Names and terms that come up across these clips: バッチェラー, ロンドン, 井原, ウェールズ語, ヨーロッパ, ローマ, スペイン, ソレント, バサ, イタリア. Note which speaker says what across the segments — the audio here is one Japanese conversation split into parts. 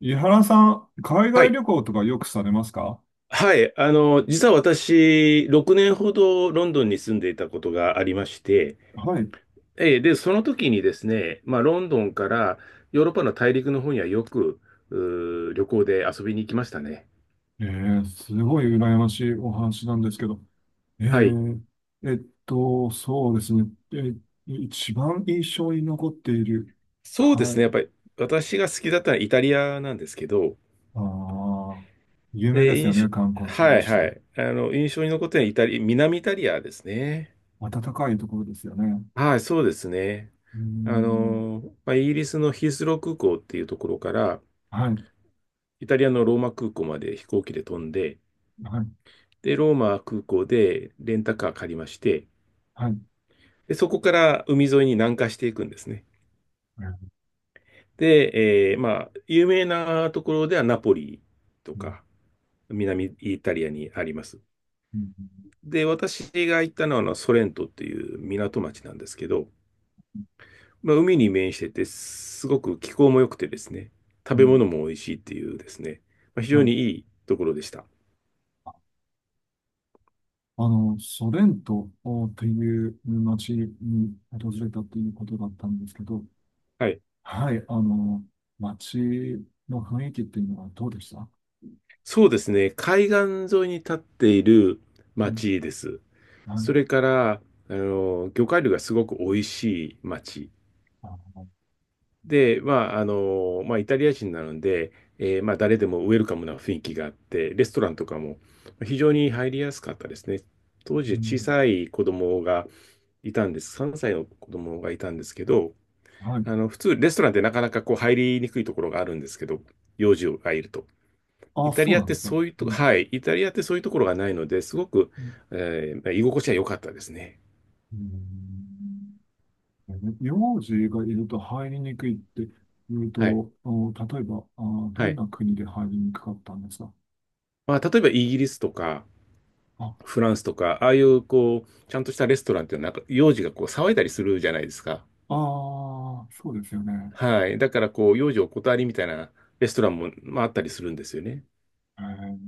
Speaker 1: 井原さん、海
Speaker 2: は
Speaker 1: 外
Speaker 2: い。
Speaker 1: 旅行とかよくされますか？
Speaker 2: はい。実は私、6年ほどロンドンに住んでいたことがありまして、
Speaker 1: はい。
Speaker 2: で、その時にですね、ロンドンからヨーロッパの大陸の方にはよく、旅行で遊びに行きましたね。
Speaker 1: すごい羨ましいお話なんですけど。え
Speaker 2: はい。
Speaker 1: ー、えっそうですね。えー、一番印象に残っている。
Speaker 2: そうで
Speaker 1: は
Speaker 2: すね。やっ
Speaker 1: い。
Speaker 2: ぱり私が好きだったのはイタリアなんですけど、
Speaker 1: ああ、有
Speaker 2: え
Speaker 1: 名
Speaker 2: ー
Speaker 1: です
Speaker 2: 印
Speaker 1: よね、観光
Speaker 2: 象、
Speaker 1: 地
Speaker 2: は
Speaker 1: に
Speaker 2: い
Speaker 1: し
Speaker 2: は
Speaker 1: て。
Speaker 2: い。印象に残ってるのはイタリ、南イタリアですね。
Speaker 1: 暖かいところですよね。
Speaker 2: はい、そうですね。
Speaker 1: うーん。
Speaker 2: イギリスのヒースロー空港っていうところから、
Speaker 1: はい。
Speaker 2: イタリアのローマ空港まで飛行機で飛んで、
Speaker 1: はい。
Speaker 2: で、ローマ空港でレンタカー借りまして、
Speaker 1: はい。
Speaker 2: で、そこから海沿いに南下していくんですね。で、有名なところではナポリと
Speaker 1: うん、
Speaker 2: か、南イタリアにあります。
Speaker 1: うん、うん、
Speaker 2: で、私が行ったのはあのソレントっていう港町なんですけど、海に面してて、すごく気候も良くてですね、
Speaker 1: う
Speaker 2: 食
Speaker 1: ん、う
Speaker 2: べ物も美味しいっていうですね、非
Speaker 1: ん、
Speaker 2: 常
Speaker 1: は
Speaker 2: に
Speaker 1: い、
Speaker 2: いいところでした。
Speaker 1: ソレントっていう町に訪れたということだったんですけど、
Speaker 2: はい。
Speaker 1: はい、町の雰囲気っていうのはどうでした？
Speaker 2: そうですね。海岸沿いに立っている
Speaker 1: うん、
Speaker 2: 町です。
Speaker 1: は
Speaker 2: それ
Speaker 1: い、
Speaker 2: から、魚介類がすごく美味しい町。
Speaker 1: あの、
Speaker 2: で、イタリア人なので、誰でもウェルカムな雰囲気があって、レストランとかも非常に入りやすかったですね。当
Speaker 1: う
Speaker 2: 時小
Speaker 1: ん、
Speaker 2: さい子供がいたんです。3歳の子供がいたんですけど、
Speaker 1: はい。
Speaker 2: 普通レストランってなかなかこう入りにくいところがあるんですけど、幼児がいると。イ
Speaker 1: あ、
Speaker 2: タ
Speaker 1: そ
Speaker 2: リ
Speaker 1: う
Speaker 2: アっ
Speaker 1: なん
Speaker 2: て
Speaker 1: ですか。
Speaker 2: そういう
Speaker 1: う
Speaker 2: とこ、
Speaker 1: ん、
Speaker 2: はい、イタリアってそういうところがないので、すごく、
Speaker 1: うん、
Speaker 2: 居心地は良かったですね。
Speaker 1: うん、名字がいると入りにくいって言う
Speaker 2: はい。
Speaker 1: と、あの例えば、あ、
Speaker 2: は
Speaker 1: どん
Speaker 2: い。
Speaker 1: な国で入りにくかったんですか？
Speaker 2: 例えばイギリスとか、
Speaker 1: あ、
Speaker 2: フランスとか、ああいう、こう、ちゃんとしたレストランっていうのは、なんか、幼児がこう、騒いだりするじゃないですか。
Speaker 1: ああ、そうですよね。
Speaker 2: はい。だから、こう、幼児お断りみたいなレストランも、あったりするんですよね。
Speaker 1: えー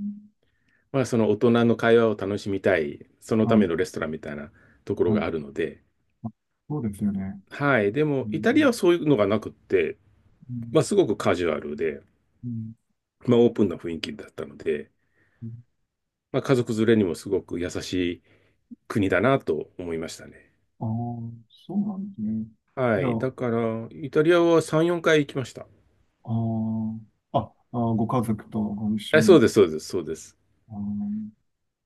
Speaker 2: その大人の会話を楽しみたい、そのた
Speaker 1: は
Speaker 2: め
Speaker 1: い、
Speaker 2: のレストランみたいなところ
Speaker 1: は
Speaker 2: が
Speaker 1: い。
Speaker 2: あるので、
Speaker 1: あ、そうですよね。
Speaker 2: はい。で
Speaker 1: う
Speaker 2: も、イタリア
Speaker 1: ん、
Speaker 2: はそういうのがなくって、
Speaker 1: うん、
Speaker 2: すごくカジュアルで、
Speaker 1: うん、
Speaker 2: オープンな雰囲気だったので、
Speaker 1: うん、
Speaker 2: 家族連れにもすごく優しい国だなと思いましたね。
Speaker 1: ああー、そうなんですね。
Speaker 2: は
Speaker 1: じゃあ、
Speaker 2: い。だから、イタリアは3、4回行きました。
Speaker 1: ーあー、ご家族とご一緒
Speaker 2: え、そう
Speaker 1: に、
Speaker 2: です、そうです、そうです。
Speaker 1: あの、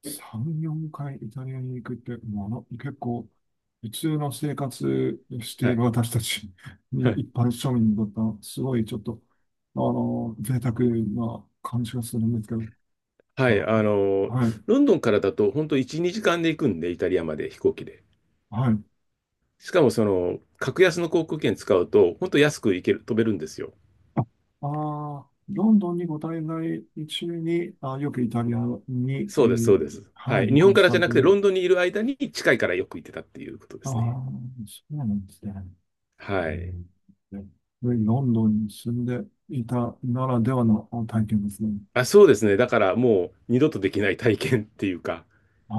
Speaker 1: 3、4回イタリアに行くって、もうあの、結構、普通の生活して
Speaker 2: は
Speaker 1: いる
Speaker 2: い。
Speaker 1: 私たち
Speaker 2: は
Speaker 1: に、
Speaker 2: い。
Speaker 1: 一般庶民にとったら、すごいちょっと、あの、贅沢な感じがするんですけど、
Speaker 2: はい。
Speaker 1: はい、はい、
Speaker 2: ロンドンからだと、本当1、2時間で行くんで、イタリアまで飛行機で。
Speaker 1: はい。
Speaker 2: しかも、その、格安の航空券使うと、本当安く行ける、飛べるんですよ。
Speaker 1: ああー、ロンドンにご滞在中に、あ、よくイタリアに、
Speaker 2: そうです、そうです。は
Speaker 1: はい、
Speaker 2: い。
Speaker 1: 旅
Speaker 2: 日本
Speaker 1: 行
Speaker 2: か
Speaker 1: し
Speaker 2: ら
Speaker 1: た
Speaker 2: じゃな
Speaker 1: と
Speaker 2: くて、
Speaker 1: い
Speaker 2: ロ
Speaker 1: う。
Speaker 2: ンドンにいる間に近いからよく行ってたっていうことで
Speaker 1: ああ、
Speaker 2: すね。
Speaker 1: そうなんですね。え
Speaker 2: はい。
Speaker 1: ーで、ロンドンに住んでいたならではの体験ですね。
Speaker 2: あ、そうですね。だからもう二度とできない体験っていうか、
Speaker 1: ああ、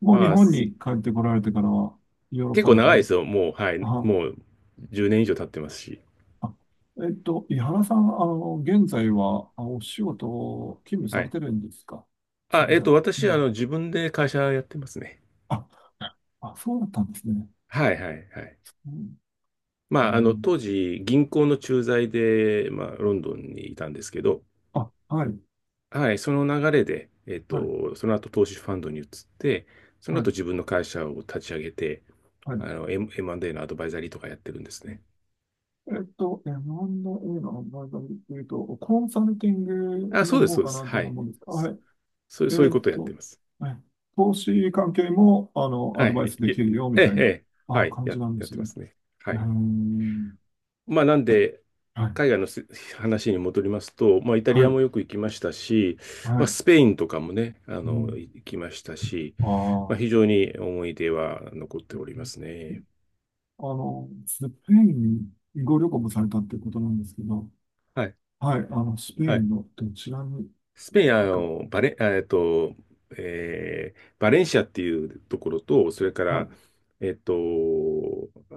Speaker 1: もう日
Speaker 2: まあ、
Speaker 1: 本に帰ってこられてからは、ヨーロッ
Speaker 2: 結
Speaker 1: パ
Speaker 2: 構
Speaker 1: の
Speaker 2: 長
Speaker 1: 方
Speaker 2: いで
Speaker 1: に。
Speaker 2: すよ。もう、はい。
Speaker 1: あ、
Speaker 2: もう10年以上経ってますし。
Speaker 1: あ、えっと、井原さん、あの、現在は、あ、お仕事を勤務
Speaker 2: は
Speaker 1: され
Speaker 2: い。
Speaker 1: てるんですか？すい
Speaker 2: あ、
Speaker 1: ません。う
Speaker 2: 私、
Speaker 1: ん。
Speaker 2: 自分で会社やってますね。
Speaker 1: あ、あ、そうだったんですね。
Speaker 2: はい、はい、はい。
Speaker 1: うん、うん。
Speaker 2: 当時、銀行の駐在で、ロンドンにいたんですけど、
Speaker 1: あ、はい、
Speaker 2: はい、その流れで、
Speaker 1: はい、
Speaker 2: その後、投資ファンドに移って、その
Speaker 1: は
Speaker 2: 後、
Speaker 1: い、
Speaker 2: 自分の会社を立ち上げて、
Speaker 1: はい。
Speaker 2: M&A のアドバイザリーとかやってるんですね。
Speaker 1: えっと、日本の映画の場合でいうと、コンサルティング
Speaker 2: あ、そ
Speaker 1: の
Speaker 2: うです、
Speaker 1: 方
Speaker 2: そうで
Speaker 1: か
Speaker 2: す。
Speaker 1: なと
Speaker 2: は
Speaker 1: も
Speaker 2: い。
Speaker 1: 思うんですが、はい。
Speaker 2: そうい
Speaker 1: え
Speaker 2: う
Speaker 1: っ
Speaker 2: ことをやって
Speaker 1: と、
Speaker 2: ます。
Speaker 1: はい。投資関係も、あの、ア
Speaker 2: は
Speaker 1: ドバイ
Speaker 2: い。
Speaker 1: ス
Speaker 2: い
Speaker 1: でき
Speaker 2: え、
Speaker 1: るよ、み
Speaker 2: え
Speaker 1: た
Speaker 2: え、
Speaker 1: い
Speaker 2: え
Speaker 1: な、
Speaker 2: え、は
Speaker 1: あ、
Speaker 2: い。
Speaker 1: 感じなんで
Speaker 2: やっ
Speaker 1: す
Speaker 2: てま
Speaker 1: ね。
Speaker 2: すね。
Speaker 1: う
Speaker 2: は
Speaker 1: ー
Speaker 2: い。
Speaker 1: ん。
Speaker 2: なんで、
Speaker 1: はい、
Speaker 2: 海外のす話に戻りますと、イタリ
Speaker 1: は
Speaker 2: ア
Speaker 1: い、
Speaker 2: もよく行きましたし、
Speaker 1: はい。
Speaker 2: スペインとかもね、
Speaker 1: うん。
Speaker 2: 行きましたし、
Speaker 1: あ
Speaker 2: 非
Speaker 1: あ。
Speaker 2: 常に思い出は残っておりますね。
Speaker 1: あの、スペインにご旅行もされたってことなんですけど、
Speaker 2: はい。
Speaker 1: はい、あの、スペイ
Speaker 2: はい。
Speaker 1: ンのどちらに
Speaker 2: スペイン、
Speaker 1: 行か、
Speaker 2: バレンシアっていうところと、それか
Speaker 1: は
Speaker 2: ら、
Speaker 1: い。
Speaker 2: えっと、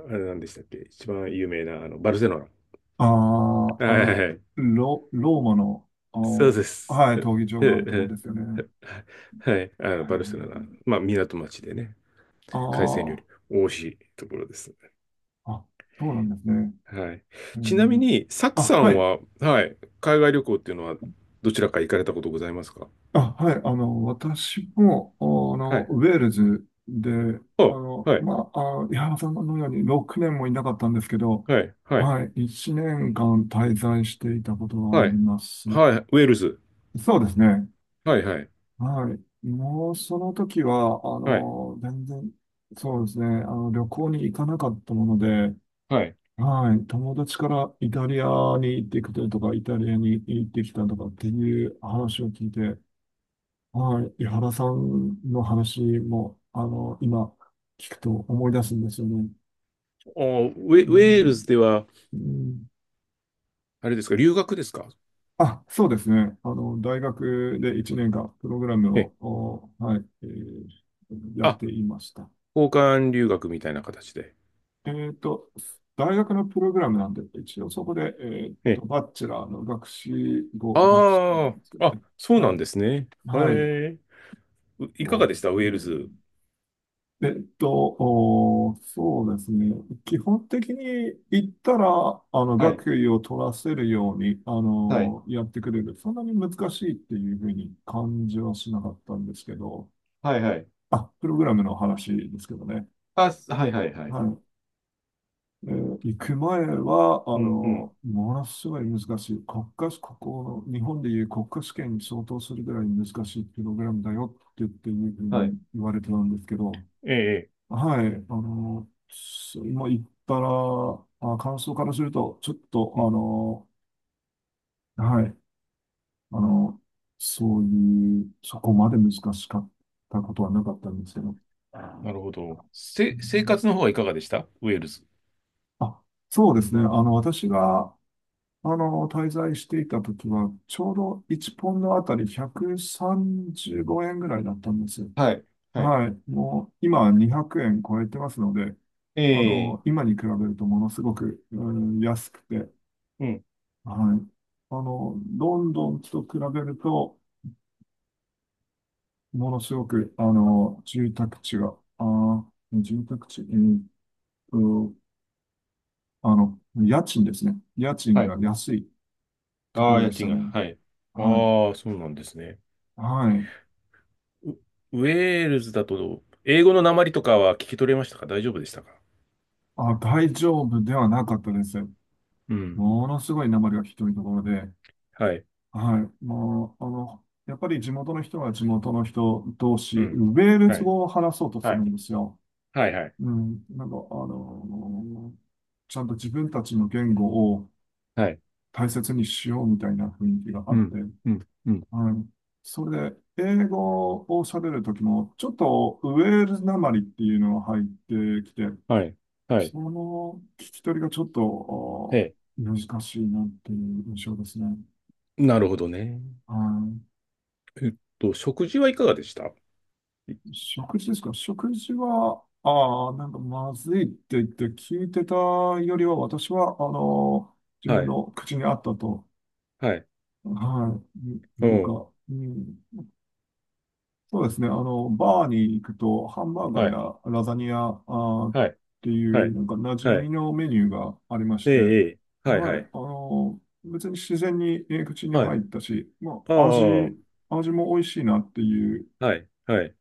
Speaker 2: あれなんでしたっけ、一番有名な、バルセロナ。
Speaker 1: あ
Speaker 2: は
Speaker 1: あ、あの、
Speaker 2: いはい、
Speaker 1: ロ、ローマの、あ
Speaker 2: そうで
Speaker 1: ー、
Speaker 2: す。
Speaker 1: はい、
Speaker 2: え
Speaker 1: 闘技場があるところ
Speaker 2: え
Speaker 1: ですよね。
Speaker 2: ええはい。バルセロナ、港町でね、海鮮料
Speaker 1: あ
Speaker 2: 理、美味しいところですね。
Speaker 1: あ、あ、そうなんですね。
Speaker 2: はい。
Speaker 1: え
Speaker 2: ちなみ
Speaker 1: ー
Speaker 2: に、サク
Speaker 1: あ、
Speaker 2: さ
Speaker 1: は
Speaker 2: ん
Speaker 1: い。
Speaker 2: は、はい、海外旅行っていうのは、どちらか行かれたことございますか？
Speaker 1: あ、はい。あの、私も、あ
Speaker 2: は
Speaker 1: の、
Speaker 2: い。
Speaker 1: ウェールズで、あ
Speaker 2: お、
Speaker 1: の、
Speaker 2: はい、
Speaker 1: まあ、あ、井原さんのように6年もいなかったんですけど、
Speaker 2: はい、はい、
Speaker 1: はい。1年間滞在していたことがあ
Speaker 2: は
Speaker 1: り
Speaker 2: い、
Speaker 1: ます。
Speaker 2: はい、ウェールズ。
Speaker 1: そうですね。
Speaker 2: はい、はい、
Speaker 1: はい。もうその時は、あ
Speaker 2: はい、
Speaker 1: の、全然、そうですね、あの、旅行に行かなかったもので、
Speaker 2: はい。
Speaker 1: はい。友達からイタリアに行ってきたとか、イタリアに行ってきたとかっていう話を聞いて、はい。井原さんの話も、あの、今、聞くと思い出すんですよね。
Speaker 2: お、
Speaker 1: う
Speaker 2: ウェール
Speaker 1: ん、
Speaker 2: ズでは、
Speaker 1: うん、
Speaker 2: あれですか、留学ですか？
Speaker 1: あ、そうですね。あの、大学で1年間、プログラム
Speaker 2: ええ、
Speaker 1: を、お、はい、やっ
Speaker 2: あ、
Speaker 1: ていました。
Speaker 2: 交換留学みたいな形で。
Speaker 1: えっと、大学のプログラムなんで、一応そこで、えっ
Speaker 2: え、
Speaker 1: と、バッチェラーの学士号、学士な
Speaker 2: あ
Speaker 1: んですけ
Speaker 2: あ、
Speaker 1: ど
Speaker 2: あ、
Speaker 1: ね。
Speaker 2: そう
Speaker 1: は
Speaker 2: なん
Speaker 1: い。
Speaker 2: ですね。へ
Speaker 1: はい。
Speaker 2: え。いか
Speaker 1: そ
Speaker 2: が
Speaker 1: うで
Speaker 2: で
Speaker 1: す
Speaker 2: したウェー
Speaker 1: ね。
Speaker 2: ルズ？
Speaker 1: えっと、そうですね。基本的に言ったら、あの、
Speaker 2: はい、
Speaker 1: 学位を取らせるように、あ
Speaker 2: はい、
Speaker 1: の、やってくれる。そんなに難しいっていうふうに感じはしなかったんですけど、
Speaker 2: はい、はい。
Speaker 1: あ、プログラムの話ですけどね。
Speaker 2: あ、はい、はい、はい。
Speaker 1: はい。えー行く前は、あ
Speaker 2: うん、うん、
Speaker 1: の、ものすごい難しい。国家、ここ、日本でいう国家試験に相当するぐらい難しいプログラムだよって言っていうふう
Speaker 2: はい、
Speaker 1: に言われてたんですけど、
Speaker 2: ええ、ええ、
Speaker 1: はい、あの、す今言ったら、あ、感想からすると、ちょっと、
Speaker 2: う
Speaker 1: あ
Speaker 2: ん、
Speaker 1: の、はい、あの、そういう、そこまで難しかったことはなかったんですけど、う
Speaker 2: なるほど。生
Speaker 1: ん、
Speaker 2: 活の方はいかがでしたウェールズ？
Speaker 1: あ、そうですね。あの、私が、あの、滞在していた時は、ちょうど1ポンドあたり135円ぐらいだったんですよ。
Speaker 2: はい、はい。
Speaker 1: はい。もう、今は200円超えてますので、
Speaker 2: え
Speaker 1: あ
Speaker 2: え、
Speaker 1: の、今に比べるとものすごく、うん、安くて、はい。
Speaker 2: うん、
Speaker 1: あの、ロンドンと比べると、ものすごく、あの、住宅地が、住宅地、と、あの、家賃ですね。家賃
Speaker 2: はい。
Speaker 1: が安いとこ
Speaker 2: ああ、
Speaker 1: ろ
Speaker 2: 家
Speaker 1: でし
Speaker 2: 賃
Speaker 1: た
Speaker 2: が、
Speaker 1: ね。
Speaker 2: はい。
Speaker 1: は
Speaker 2: ああ、そうなんですね。
Speaker 1: い。はい。
Speaker 2: ウ、ウェールズだと、英語の訛りとかは聞き取れましたか？大丈夫でしたか？
Speaker 1: あ、大丈夫ではなかったです。
Speaker 2: うん。
Speaker 1: ものすごい訛りがひどいところで、
Speaker 2: はい。
Speaker 1: はい。もう、あの、やっぱり地元の人は地元の人同
Speaker 2: う
Speaker 1: 士、
Speaker 2: ん。
Speaker 1: ウェール
Speaker 2: は
Speaker 1: ズ
Speaker 2: い。
Speaker 1: 語を話そうとす
Speaker 2: は
Speaker 1: るん
Speaker 2: い。
Speaker 1: ですよ。
Speaker 2: はいはい。
Speaker 1: うん。なんか、の、ちゃんと自分たちの言語を
Speaker 2: はい。
Speaker 1: 大切にしようみたいな雰囲気があ
Speaker 2: う
Speaker 1: って、
Speaker 2: ん。うん。うん、
Speaker 1: はい。それで、英語を喋るときも、ちょっとウェールズ訛りっていうのが入ってきて、
Speaker 2: はい。はい。
Speaker 1: その聞き取りがちょっ
Speaker 2: え
Speaker 1: と
Speaker 2: え。
Speaker 1: あー難しいなっていう印象ですね。
Speaker 2: なるほどね。
Speaker 1: は
Speaker 2: 食事はいかがでしたい？
Speaker 1: い、食事ですか？食事は、ああ、なんかまずいって言って聞いてたよりは、私は、あの、自
Speaker 2: は
Speaker 1: 分
Speaker 2: い。
Speaker 1: の口に合ったと、
Speaker 2: はい。
Speaker 1: はい、い
Speaker 2: う
Speaker 1: ういう
Speaker 2: ん。
Speaker 1: か、うん、そうですね。あの、バーに行くと、ハンバーガー
Speaker 2: はい。
Speaker 1: やラザニア、あーっ
Speaker 2: はい。
Speaker 1: て
Speaker 2: は
Speaker 1: いう、
Speaker 2: い。
Speaker 1: なんか馴染
Speaker 2: は
Speaker 1: み
Speaker 2: い。
Speaker 1: のメニューがありまし
Speaker 2: え
Speaker 1: て、
Speaker 2: え、ええ。はい、
Speaker 1: は
Speaker 2: は
Speaker 1: い。
Speaker 2: い。
Speaker 1: あの、別に自然に口に
Speaker 2: はい。
Speaker 1: 入ったし、ま
Speaker 2: あ
Speaker 1: あ、
Speaker 2: あ、は
Speaker 1: 味、味も美味しいなっていう
Speaker 2: い。はい。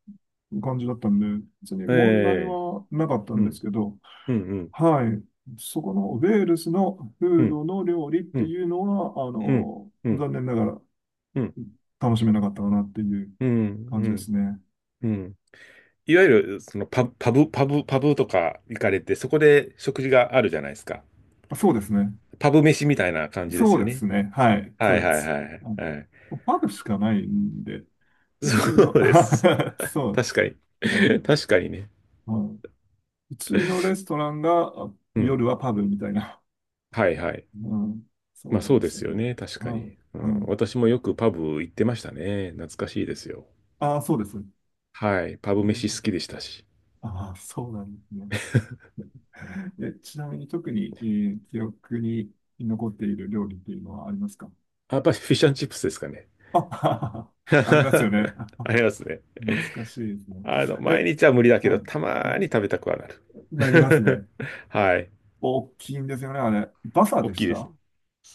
Speaker 1: 感じだったんで、別に
Speaker 2: え
Speaker 1: 問題
Speaker 2: え。
Speaker 1: はなかった
Speaker 2: う
Speaker 1: んです
Speaker 2: ん。
Speaker 1: けど、
Speaker 2: うん、うん。
Speaker 1: はい。そこのウェールズの
Speaker 2: う
Speaker 1: フー
Speaker 2: ん。
Speaker 1: ドの料理っ
Speaker 2: う
Speaker 1: て
Speaker 2: ん。
Speaker 1: いうのは、あ
Speaker 2: うん。
Speaker 1: の、
Speaker 2: うん。
Speaker 1: 残念ながら楽しめなかったかなっていう
Speaker 2: う
Speaker 1: 感じです
Speaker 2: ん。
Speaker 1: ね。
Speaker 2: うん。いわゆる、そのパブとか行かれて、そこで食事があるじゃないですか。
Speaker 1: あ、そうですね。
Speaker 2: パブ飯みたいな感じで
Speaker 1: そ
Speaker 2: すよ
Speaker 1: うで
Speaker 2: ね。
Speaker 1: すね。はい。そ
Speaker 2: はい
Speaker 1: うで
Speaker 2: はい
Speaker 1: す。
Speaker 2: はい。
Speaker 1: あ
Speaker 2: はい。
Speaker 1: のパブしかないんで、普通の
Speaker 2: そうです。
Speaker 1: そう。
Speaker 2: 確かに。
Speaker 1: あ の、
Speaker 2: 確かにね。
Speaker 1: はい、普通のレストランがあ
Speaker 2: うん。
Speaker 1: 夜はパブみたいな。
Speaker 2: はいはい。
Speaker 1: うん、そう
Speaker 2: そう
Speaker 1: で
Speaker 2: で
Speaker 1: した
Speaker 2: すよ
Speaker 1: ね。
Speaker 2: ね。確か
Speaker 1: は
Speaker 2: に。う
Speaker 1: い。は
Speaker 2: ん。
Speaker 1: い。
Speaker 2: 私もよくパブ行ってましたね。懐かしいですよ。
Speaker 1: ああ、そうですね。
Speaker 2: はい。パブ
Speaker 1: う
Speaker 2: 飯好
Speaker 1: ん、
Speaker 2: きでしたし。
Speaker 1: ああ、そうなんですね。え、ちなみに特に、えー記憶に残っている料理っていうのはありますか？
Speaker 2: あ、やっぱりフィッシュチップスですかね。
Speaker 1: あ、ありますよね。
Speaker 2: ありますね。
Speaker 1: 懐かしいですね。え、
Speaker 2: 毎日は無理だけ
Speaker 1: は
Speaker 2: ど、
Speaker 1: い。
Speaker 2: たまーに食べたくはな
Speaker 1: なります
Speaker 2: る。
Speaker 1: ね。
Speaker 2: はい。
Speaker 1: 大きいんですよね、あれ。バサ
Speaker 2: 大
Speaker 1: で
Speaker 2: き
Speaker 1: し
Speaker 2: いです。
Speaker 1: た？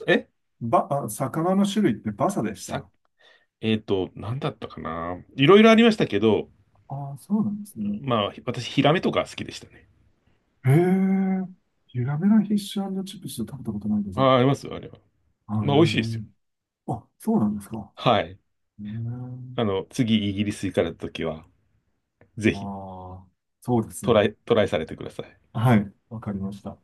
Speaker 2: え、
Speaker 1: ば、あ、魚の種類ってバサでし
Speaker 2: さ、
Speaker 1: た？
Speaker 2: えっと、なんだったかな。いろいろありましたけど、
Speaker 1: ああ、そうなんですね。
Speaker 2: 私、ヒラメとか好きでしたね。
Speaker 1: へえ、ゆらめのフィッシュチップス食べたことないです。
Speaker 2: あ
Speaker 1: へえ、
Speaker 2: ー、ありますよ、あれは。美味しいですよ。
Speaker 1: あ、そうなんですか。
Speaker 2: はい。
Speaker 1: へえ、
Speaker 2: 次イギリス行かれた時は、ぜ
Speaker 1: あ
Speaker 2: ひ
Speaker 1: あ、そうですね。
Speaker 2: トライされてください。
Speaker 1: はい、わかりました。